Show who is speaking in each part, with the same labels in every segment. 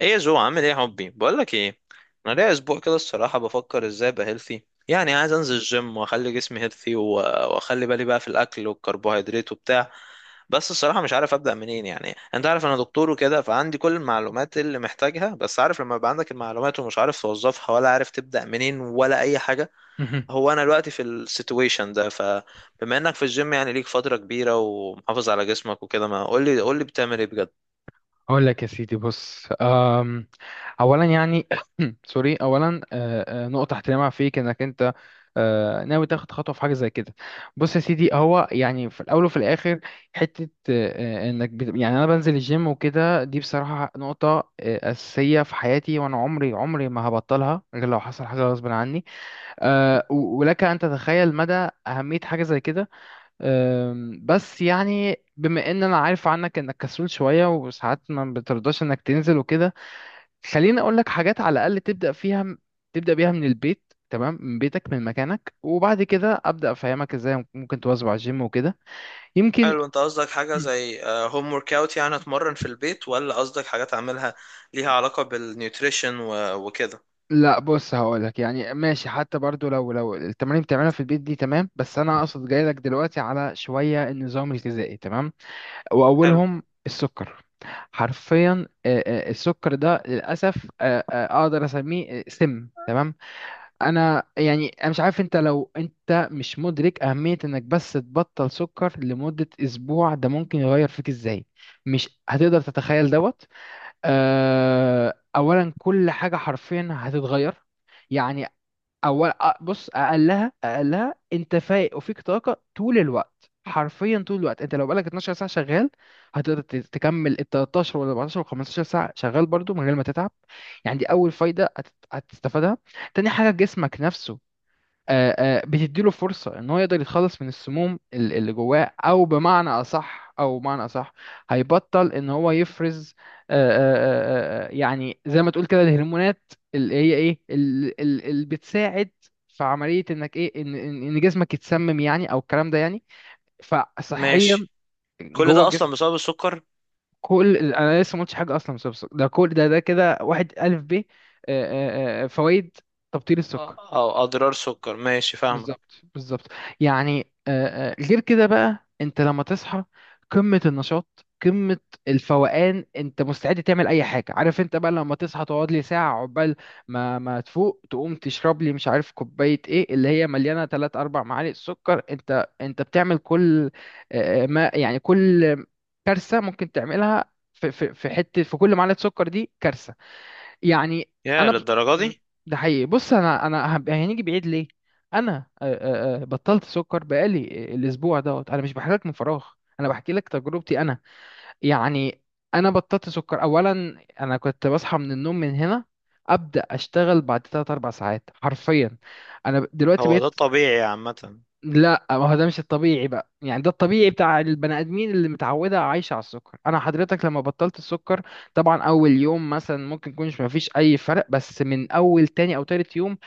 Speaker 1: ايه يا جو؟ عامل ايه يا حبي؟ بقول لك ايه. انا ليا اسبوع كده، الصراحه بفكر ازاي ابقى هيلثي. يعني عايز انزل الجيم واخلي جسمي هيلثي، واخلي بالي بقى في الاكل والكربوهيدرات وبتاع. بس الصراحه مش عارف ابدا منين. يعني انت عارف انا دكتور وكده، فعندي كل المعلومات اللي محتاجها، بس عارف لما يبقى عندك المعلومات ومش عارف توظفها، ولا عارف تبدا منين ولا اي حاجه.
Speaker 2: مهم.
Speaker 1: هو انا دلوقتي في السيتويشن ده. فبما انك في الجيم يعني ليك فتره كبيره ومحافظ على جسمك وكده، ما قول لي قول لي بتعمل ايه؟
Speaker 2: اقول لك يا سيدي، بص، اولا يعني سوري. اولا نقطه احترامها فيك انك انت ناوي تاخد خطوه في حاجه زي كده. بص يا سيدي، هو يعني في الاول وفي الاخر حته يعني انا بنزل الجيم وكده، دي بصراحه نقطه اساسيه في حياتي، وانا عمري ما هبطلها غير لو حصل حاجه غصب عني. ولك ان تتخيل مدى اهميه حاجه زي كده. بس يعني بما ان انا عارف عنك انك كسول شوية وساعات ما بترضاش انك تنزل وكده، خليني اقول لك حاجات على الاقل تبدأ فيها، تبدأ بيها من البيت، تمام، من بيتك، من مكانك، وبعد كده ابدأ افهمك ازاي ممكن تواظب على الجيم وكده. يمكن
Speaker 1: حلو. انت قصدك حاجة
Speaker 2: مم.
Speaker 1: زي هوم ورك اوت، يعني اتمرن في البيت؟ ولا قصدك حاجات اعملها ليها علاقة بالنيوتريشن و- وكده؟
Speaker 2: لا بص، هقولك يعني ماشي، حتى برضو لو التمارين بتعملها في البيت دي تمام، بس انا اقصد جايلك دلوقتي على شوية النظام الغذائي، تمام.
Speaker 1: حلو.
Speaker 2: واولهم السكر. حرفيا السكر ده للاسف اقدر اسميه سم، تمام. انا يعني انا مش عارف انت، لو انت مش مدرك اهميه انك بس تبطل سكر لمده اسبوع، ده ممكن يغير فيك ازاي، مش هتقدر تتخيل دوت. اولا كل حاجه حرفيا هتتغير. يعني اول بص، اقلها انت فايق وفيك طاقه طول الوقت، حرفيا طول الوقت. انت لو بقالك 12 ساعه شغال، هتقدر تكمل ال 13 ولا 14 ولا 15 ساعه شغال برضو من غير ما تتعب. يعني دي اول فايده هتستفادها. تاني حاجه، جسمك نفسه آه، بتديله فرصة ان هو يقدر يتخلص من السموم اللي جواه، او بمعنى اصح هيبطل ان هو يفرز يعني زي ما تقول كده الهرمونات اللي هي ايه، اللي بتساعد في عملية انك ايه، ان ان إن جسمك يتسمم يعني، او الكلام ده، يعني فصحيا
Speaker 1: ماشي. كل
Speaker 2: جوه
Speaker 1: ده
Speaker 2: الجسم.
Speaker 1: اصلا بسبب السكر؟
Speaker 2: انا لسه ما قلتش حاجة اصلا بسبب السكر. ده كل ده كده، واحد الف ب فوائد تبطيل
Speaker 1: اه،
Speaker 2: السكر.
Speaker 1: او اضرار السكر، ماشي، فاهمة.
Speaker 2: بالظبط بالظبط. يعني غير كده بقى، انت لما تصحى قمة النشاط، قمة الفوقان، انت مستعد تعمل اي حاجة. عارف انت بقى لما تصحى تقعد لي ساعة عقبال ما تفوق، تقوم تشرب لي مش عارف كوباية، ايه اللي هي مليانة 3 4 معالق سكر، انت بتعمل كل ما يعني كل كارثة ممكن تعملها. في حتة في كل معلقة سكر دي كارثة يعني.
Speaker 1: يا
Speaker 2: انا
Speaker 1: للدرجة
Speaker 2: م،
Speaker 1: دي؟
Speaker 2: ده حقيقي. بص، انا انا هنيجي بعيد ليه، انا بطلت سكر بقالي الاسبوع دوت. انا مش بحكي لك من فراغ، انا بحكي لك تجربتي انا، يعني انا بطلت سكر اولا. انا كنت بصحى من النوم من هنا، ابدا اشتغل بعد 3 4 ساعات حرفيا. انا دلوقتي
Speaker 1: هو ده
Speaker 2: بقيت.
Speaker 1: الطبيعي عامة؟
Speaker 2: لا، ما هو ده مش الطبيعي بقى، يعني ده الطبيعي بتاع البني ادمين اللي متعوده عايشه على السكر. انا حضرتك لما بطلت السكر، طبعا اول يوم مثلا ممكن يكونش ما فيش اي فرق، بس من اول تاني او تالت يوم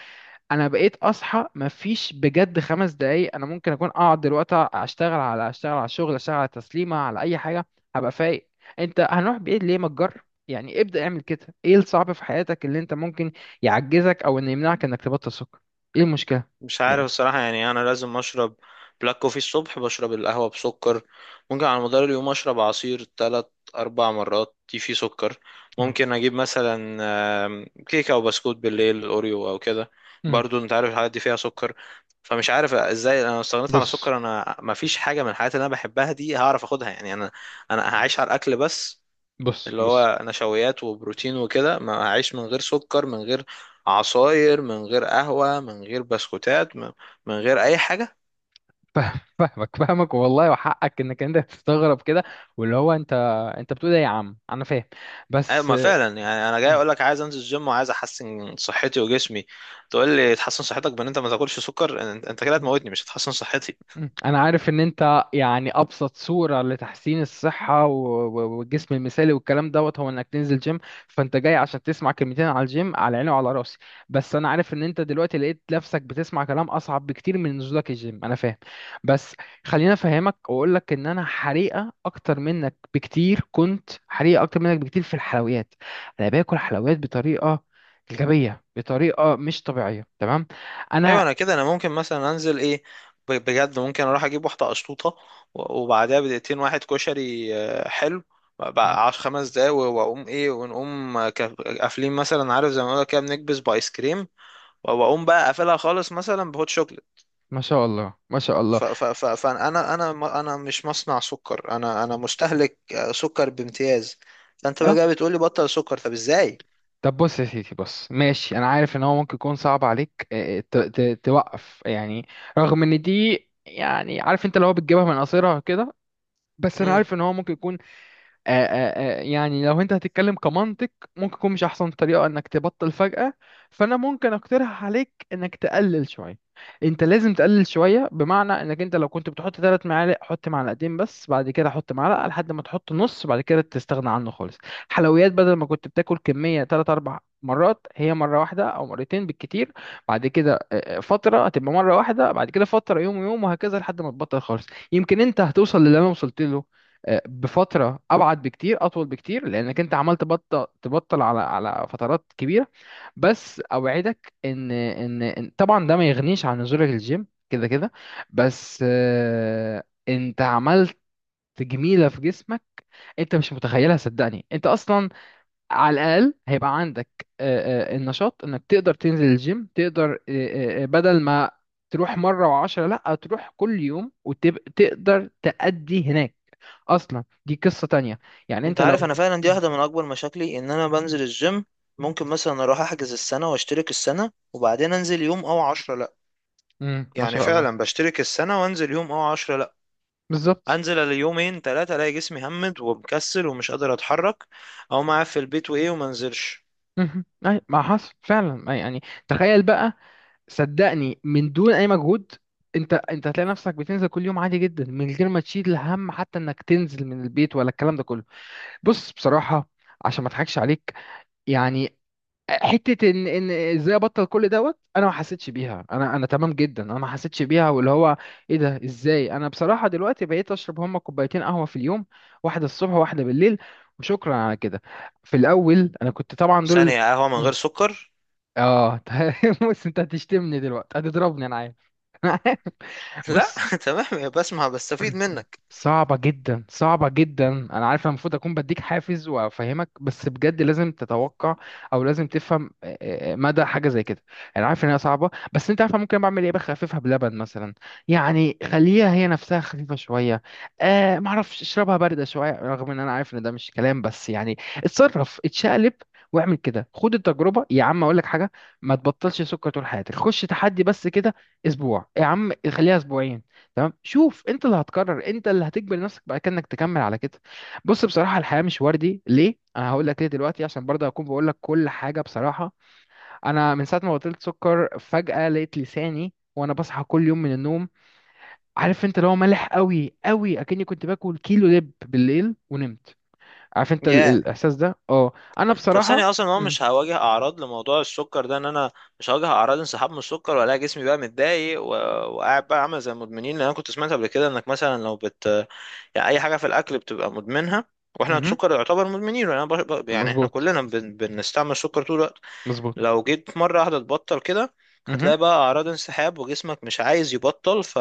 Speaker 2: انا بقيت اصحى ما فيش بجد خمس دقايق، انا ممكن اكون اقعد دلوقتي اشتغل على الشغل، اشتغل على تسليمه، على اي حاجه، هبقى فايق. انت هنروح بعيد ليه، ما تجرب، يعني ابدا اعمل كده. ايه الصعب في حياتك اللي انت ممكن يعجزك او انه يمنعك انك تبطل سكر؟ ايه المشكله
Speaker 1: مش عارف الصراحة. يعني أنا لازم أشرب بلاك كوفي الصبح، بشرب القهوة بسكر. ممكن على مدار اليوم أشرب عصير تلات أربع مرات، دي فيه سكر. ممكن أجيب مثلا كيكة أو بسكوت بالليل، أوريو أو كده.
Speaker 2: يعني؟
Speaker 1: برضو أنت عارف الحاجات دي فيها سكر. فمش عارف إزاي أنا استغنيت عن
Speaker 2: بص
Speaker 1: السكر. أنا مفيش حاجة من الحاجات اللي أنا بحبها دي هعرف أخدها. يعني أنا هعيش على الأكل بس، اللي
Speaker 2: بص
Speaker 1: هو نشويات وبروتين وكده، ما هعيش من غير سكر، من غير عصاير، من غير قهوة، من غير بسكوتات، من غير أي حاجة.
Speaker 2: فاهمك والله، وحقك انك انت تستغرب كده، واللي هو انت بتقول ايه يا عم، انا فاهم
Speaker 1: أيوة،
Speaker 2: بس.
Speaker 1: ما فعلا يعني أنا جاي أقول لك عايز أنزل الجيم وعايز أحسن صحتي وجسمي. تقول لي تحسن صحتك بإن أنت ما تاكلش سكر؟ أنت كده
Speaker 2: مم.
Speaker 1: هتموتني، مش هتحسن صحتي.
Speaker 2: مم. انا عارف ان انت يعني ابسط صورة لتحسين الصحة والجسم المثالي والكلام دوت هو انك تنزل جيم، فانت جاي عشان تسمع كلمتين على الجيم، على عيني وعلى راسي، بس انا عارف ان انت دلوقتي لقيت نفسك بتسمع كلام اصعب بكتير من نزولك الجيم، انا فاهم بس. خليني افهمك واقول لك ان انا حريقة اكتر منك بكتير، كنت حريقة اكتر منك بكتير في الحلويات. انا باكل حلويات بطريقة غبية، بطريقة مش طبيعية، تمام.
Speaker 1: ايوه
Speaker 2: انا
Speaker 1: انا كده، انا ممكن مثلا انزل ايه، بجد ممكن اروح اجيب واحده قشطوطه، و- وبعدها بدقيقتين واحد كشري، حلو
Speaker 2: مم.
Speaker 1: بقى عشر خمس دقايق، و- واقوم ايه، ونقوم قافلين مثلا، عارف زي ما بقول كده، بنكبس بايس كريم، و- واقوم بقى قافلها خالص مثلا بهوت شوكليت.
Speaker 2: ما شاء الله ما شاء الله.
Speaker 1: فانا انا مش مصنع سكر، انا مستهلك سكر بامتياز. فانت بقى جاي بتقول لي بطل سكر؟ طب ازاي؟
Speaker 2: طب بص يا سيدي، بص ماشي، انا عارف ان هو ممكن يكون صعب عليك توقف يعني رغم ان دي، يعني عارف انت اللي هو بتجيبها من قصيرها كده، بس انا عارف ان هو ممكن يكون يعني لو انت هتتكلم كمنطق ممكن يكون مش احسن طريقة انك تبطل فجأة. فانا ممكن اقترح عليك انك تقلل شوية، انت لازم تقلل شوية، بمعنى انك انت لو كنت بتحط ثلاث معالق حط معلقتين بس، بعد كده حط معلقة، لحد ما تحط نص، بعد كده تستغنى عنه خالص. حلويات، بدل ما كنت بتاكل كمية ثلاث اربع مرات، هي مرة واحدة او مرتين بالكتير، بعد كده فترة هتبقى مرة واحدة، بعد كده فترة يوم ويوم، وهكذا لحد ما تبطل خالص. يمكن انت هتوصل للي انا وصلت له بفتره ابعد بكتير، اطول بكتير، لانك انت عمال تبطل على فترات كبيره. بس اوعدك طبعا ده ما يغنيش عن نزولك الجيم كده كده، بس انت عملت جميله في جسمك انت مش متخيلها، صدقني. انت اصلا على الاقل هيبقى عندك النشاط انك تقدر تنزل الجيم، تقدر بدل ما تروح مره وعشرة لا، تروح كل يوم وتقدر تأدي هناك. اصلا دي قصة تانية، يعني
Speaker 1: انت
Speaker 2: انت
Speaker 1: عارف، انا
Speaker 2: لو
Speaker 1: فعلا دي واحده من اكبر مشاكلي، ان انا بنزل الجيم، ممكن مثلا اروح احجز السنه واشترك السنه وبعدين انزل يوم او عشرة، لا.
Speaker 2: ما
Speaker 1: يعني
Speaker 2: شاء الله،
Speaker 1: فعلا بشترك السنه وانزل يوم او عشرة، لا.
Speaker 2: بالظبط.
Speaker 1: انزل اليومين ثلاثه، الاقي جسمي همد ومكسل ومش قادر اتحرك. او معاه في البيت وايه وما انزلش.
Speaker 2: مهم. أي ما حصل فعلا، أي يعني. تخيل بقى، صدقني من دون اي مجهود انت هتلاقي نفسك بتنزل كل يوم عادي جدا من غير ما تشيل هم حتى انك تنزل من البيت ولا الكلام ده كله. بص بصراحة عشان ما اضحكش عليك، يعني حته ان ازاي ابطل كل دوت انا ما حسيتش بيها، انا تمام جدا، انا ما حسيتش بيها، واللي هو ايه ده ازاي؟ انا بصراحه دلوقتي بقيت اشرب هما كوبايتين قهوه في اليوم، واحده الصبح وواحده بالليل، وشكرا على كده. في الاول انا كنت طبعا دول
Speaker 1: ثانيه؟ قهوه من غير
Speaker 2: مم.
Speaker 1: سكر؟
Speaker 2: اه بص انت هتشتمني دلوقتي، هتضربني، انا عارف.
Speaker 1: لا.
Speaker 2: بص،
Speaker 1: تمام، بسمع، بستفيد منك.
Speaker 2: صعبة جدا صعبة جدا، أنا عارف، أنا المفروض أكون بديك حافز وأفهمك بس بجد لازم تتوقع، أو لازم تفهم مدى حاجة زي كده. أنا عارف إن هي صعبة، بس أنت عارف أنا ممكن بعمل إيه، بخففها بلبن مثلا، يعني خليها هي نفسها خفيفة شوية، معرفش اشربها باردة شوية، رغم إن أنا عارف إن ده مش كلام، بس يعني اتصرف، اتشقلب، واعمل كده، خد التجربة. يا عم أقول لك حاجة، ما تبطلش سكر طول حياتك، خش تحدي بس كده، أسبوع يا عم، خليها أسبوعين، تمام، شوف انت اللي هتقرر، انت اللي هتجبر نفسك بقى كأنك تكمل على كده. بص بصراحة، الحياة مش وردي، ليه؟ انا هقول لك ليه دلوقتي عشان برضه اكون بقول لك كل حاجة بصراحة. انا من ساعة ما بطلت سكر فجأة لقيت لساني وانا بصحى كل يوم من النوم، عارف انت اللي هو مالح قوي قوي، اكني كنت باكل كيلو لب بالليل ونمت، عارف انت
Speaker 1: ياه.
Speaker 2: الاحساس ده؟ اه. انا
Speaker 1: طب
Speaker 2: بصراحة
Speaker 1: ثانية، أصلا هو
Speaker 2: امم
Speaker 1: مش هواجه أعراض لموضوع السكر ده؟ إن أنا مش هواجه أعراض انسحاب من السكر، ولا جسمي بقى متضايق و... وقاعد بقى عامل زي المدمنين، لأن أنا كنت سمعت قبل كده إنك مثلا لو بت يعني أي حاجة في الأكل بتبقى مدمنها، وإحنا السكر يعتبر مدمنين، وأنا يعني إحنا
Speaker 2: مظبوط
Speaker 1: كلنا بنستعمل السكر طول الوقت.
Speaker 2: مظبوط.
Speaker 1: لو جيت مرة واحدة تبطل كده،
Speaker 2: امم
Speaker 1: هتلاقي بقى أعراض انسحاب، وجسمك مش عايز يبطل، ف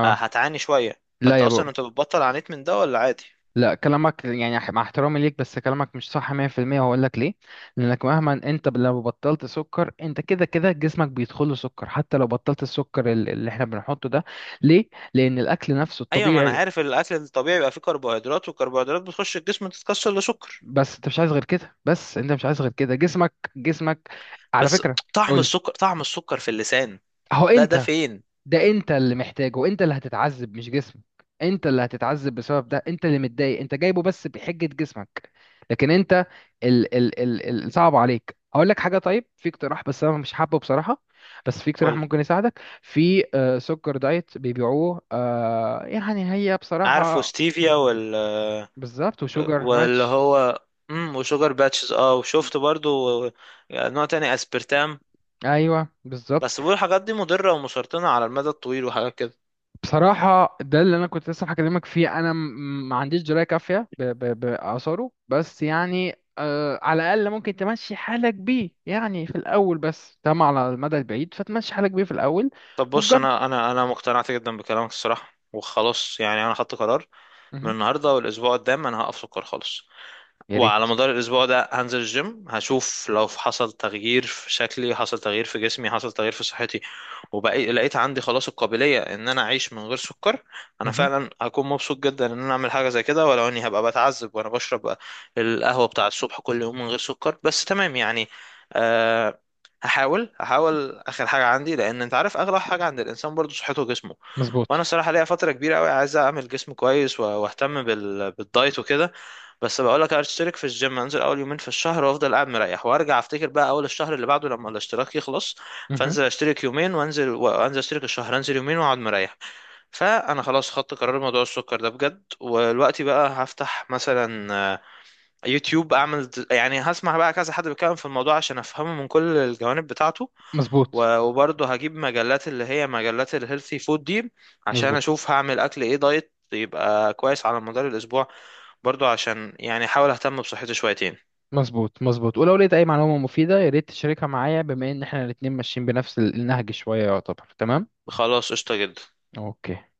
Speaker 1: آه، هتعاني شوية.
Speaker 2: لا
Speaker 1: فأنت
Speaker 2: يا
Speaker 1: أصلا
Speaker 2: بابا،
Speaker 1: أنت بتبطل عانيت من ده ولا عادي؟
Speaker 2: لا، كلامك يعني مع احترامي ليك بس كلامك مش صح 100%، وهقول لك ليه. لانك مهما انت لو بطلت سكر، انت كده كده جسمك بيدخل له سكر حتى لو بطلت السكر اللي احنا بنحطه ده. ليه؟ لان الاكل نفسه
Speaker 1: ايوه، ما انا
Speaker 2: الطبيعي.
Speaker 1: عارف، الاكل الطبيعي بيبقى فيه كربوهيدرات، والكربوهيدرات بتخش الجسم تتكسر لسكر.
Speaker 2: بس انت مش عايز غير كده، بس انت مش عايز غير كده، جسمك، جسمك على
Speaker 1: بس
Speaker 2: فكرة.
Speaker 1: طعم
Speaker 2: قول.
Speaker 1: السكر، طعم السكر في اللسان
Speaker 2: هو
Speaker 1: ده
Speaker 2: انت،
Speaker 1: فين؟
Speaker 2: ده انت اللي محتاجه، انت اللي هتتعذب مش جسمك. انت اللي هتتعذب بسبب ده، انت اللي متضايق، انت جايبه بس بحجة جسمك، لكن انت ال ال ال ال صعب عليك. هقول لك حاجة، طيب في اقتراح، بس انا مش حابه بصراحة. بس في اقتراح
Speaker 1: قول.
Speaker 2: ممكن يساعدك في سكر دايت بيبيعوه، يعني هي
Speaker 1: عارف،
Speaker 2: بصراحة.
Speaker 1: وستيفيا وال
Speaker 2: بالظبط، وشوجر
Speaker 1: واللي
Speaker 2: ماتش.
Speaker 1: هو. وشوجر باتشز،
Speaker 2: مم.
Speaker 1: وشفت برضو نوع تاني، اسبرتام.
Speaker 2: ايوه بالظبط.
Speaker 1: بس بيقولوا الحاجات دي مضرة ومسرطنة على المدى الطويل، وحاجات كده.
Speaker 2: بصراحة ده اللي أنا كنت لسه هكلمك فيه، أنا ما عنديش دراية كافية بآثاره، بس يعني على الأقل ممكن تمشي حالك بيه يعني في الأول بس، تمام، على المدى البعيد، فتمشي حالك بيه في الأول
Speaker 1: طب بص،
Speaker 2: وتجرب.
Speaker 1: انا مقتنعت جدا بكلامك الصراحة، وخلاص يعني انا خدت قرار. من
Speaker 2: مهم.
Speaker 1: النهارده والاسبوع قدام انا هقف سكر خالص.
Speaker 2: يا ريت.
Speaker 1: وعلى مدار الأسبوع ده هنزل الجيم، هشوف لو حصل تغيير في شكلي، حصل تغيير في جسمي، حصل تغيير في صحتي. وبقيت لقيت عندي خلاص القابلية إن أنا أعيش من غير سكر. أنا
Speaker 2: مهم.
Speaker 1: فعلا هكون مبسوط جدا إن أنا أعمل حاجة زي كده، ولو إني هبقى بتعذب وأنا بشرب القهوة بتاع الصبح كل يوم من غير سكر، بس تمام يعني. أه. هحاول هحاول آخر حاجة عندي، لأن أنت عارف أغلى حاجة عند الإنسان برضه صحته وجسمه. وانا
Speaker 2: مظبوط.
Speaker 1: الصراحه ليا فتره كبيره قوي عايز اعمل جسم كويس و- واهتم بالدايت وكده. بس بقول لك، اشترك في الجيم، انزل اول يومين في الشهر وافضل قاعد مريح، وارجع افتكر بقى اول الشهر اللي بعده لما الاشتراك يخلص.
Speaker 2: مهم.
Speaker 1: فانزل اشترك يومين وانزل اشترك الشهر، انزل يومين واقعد مريح. فانا خلاص خدت قرار موضوع السكر ده بجد، ودلوقتي بقى هفتح مثلا يوتيوب، اعمل يعني هسمع بقى كذا حد بيتكلم في الموضوع عشان افهمه من كل الجوانب بتاعته.
Speaker 2: مظبوط
Speaker 1: و- وبرضه هجيب مجلات اللي هي مجلات الهيلثي فود دي. عشان
Speaker 2: مظبوط
Speaker 1: اشوف هعمل اكل ايه دايت يبقى كويس على مدار الاسبوع. برضه عشان يعني احاول اهتم بصحتي شويتين.
Speaker 2: مظبوط مظبوط، ولو لقيت أي معلومة مفيدة يا ريت تشاركها معايا، بما إن إحنا الاتنين ماشيين بنفس النهج شوية، يعتبر تمام؟
Speaker 1: خلاص، قشطة جدا.
Speaker 2: أوكي.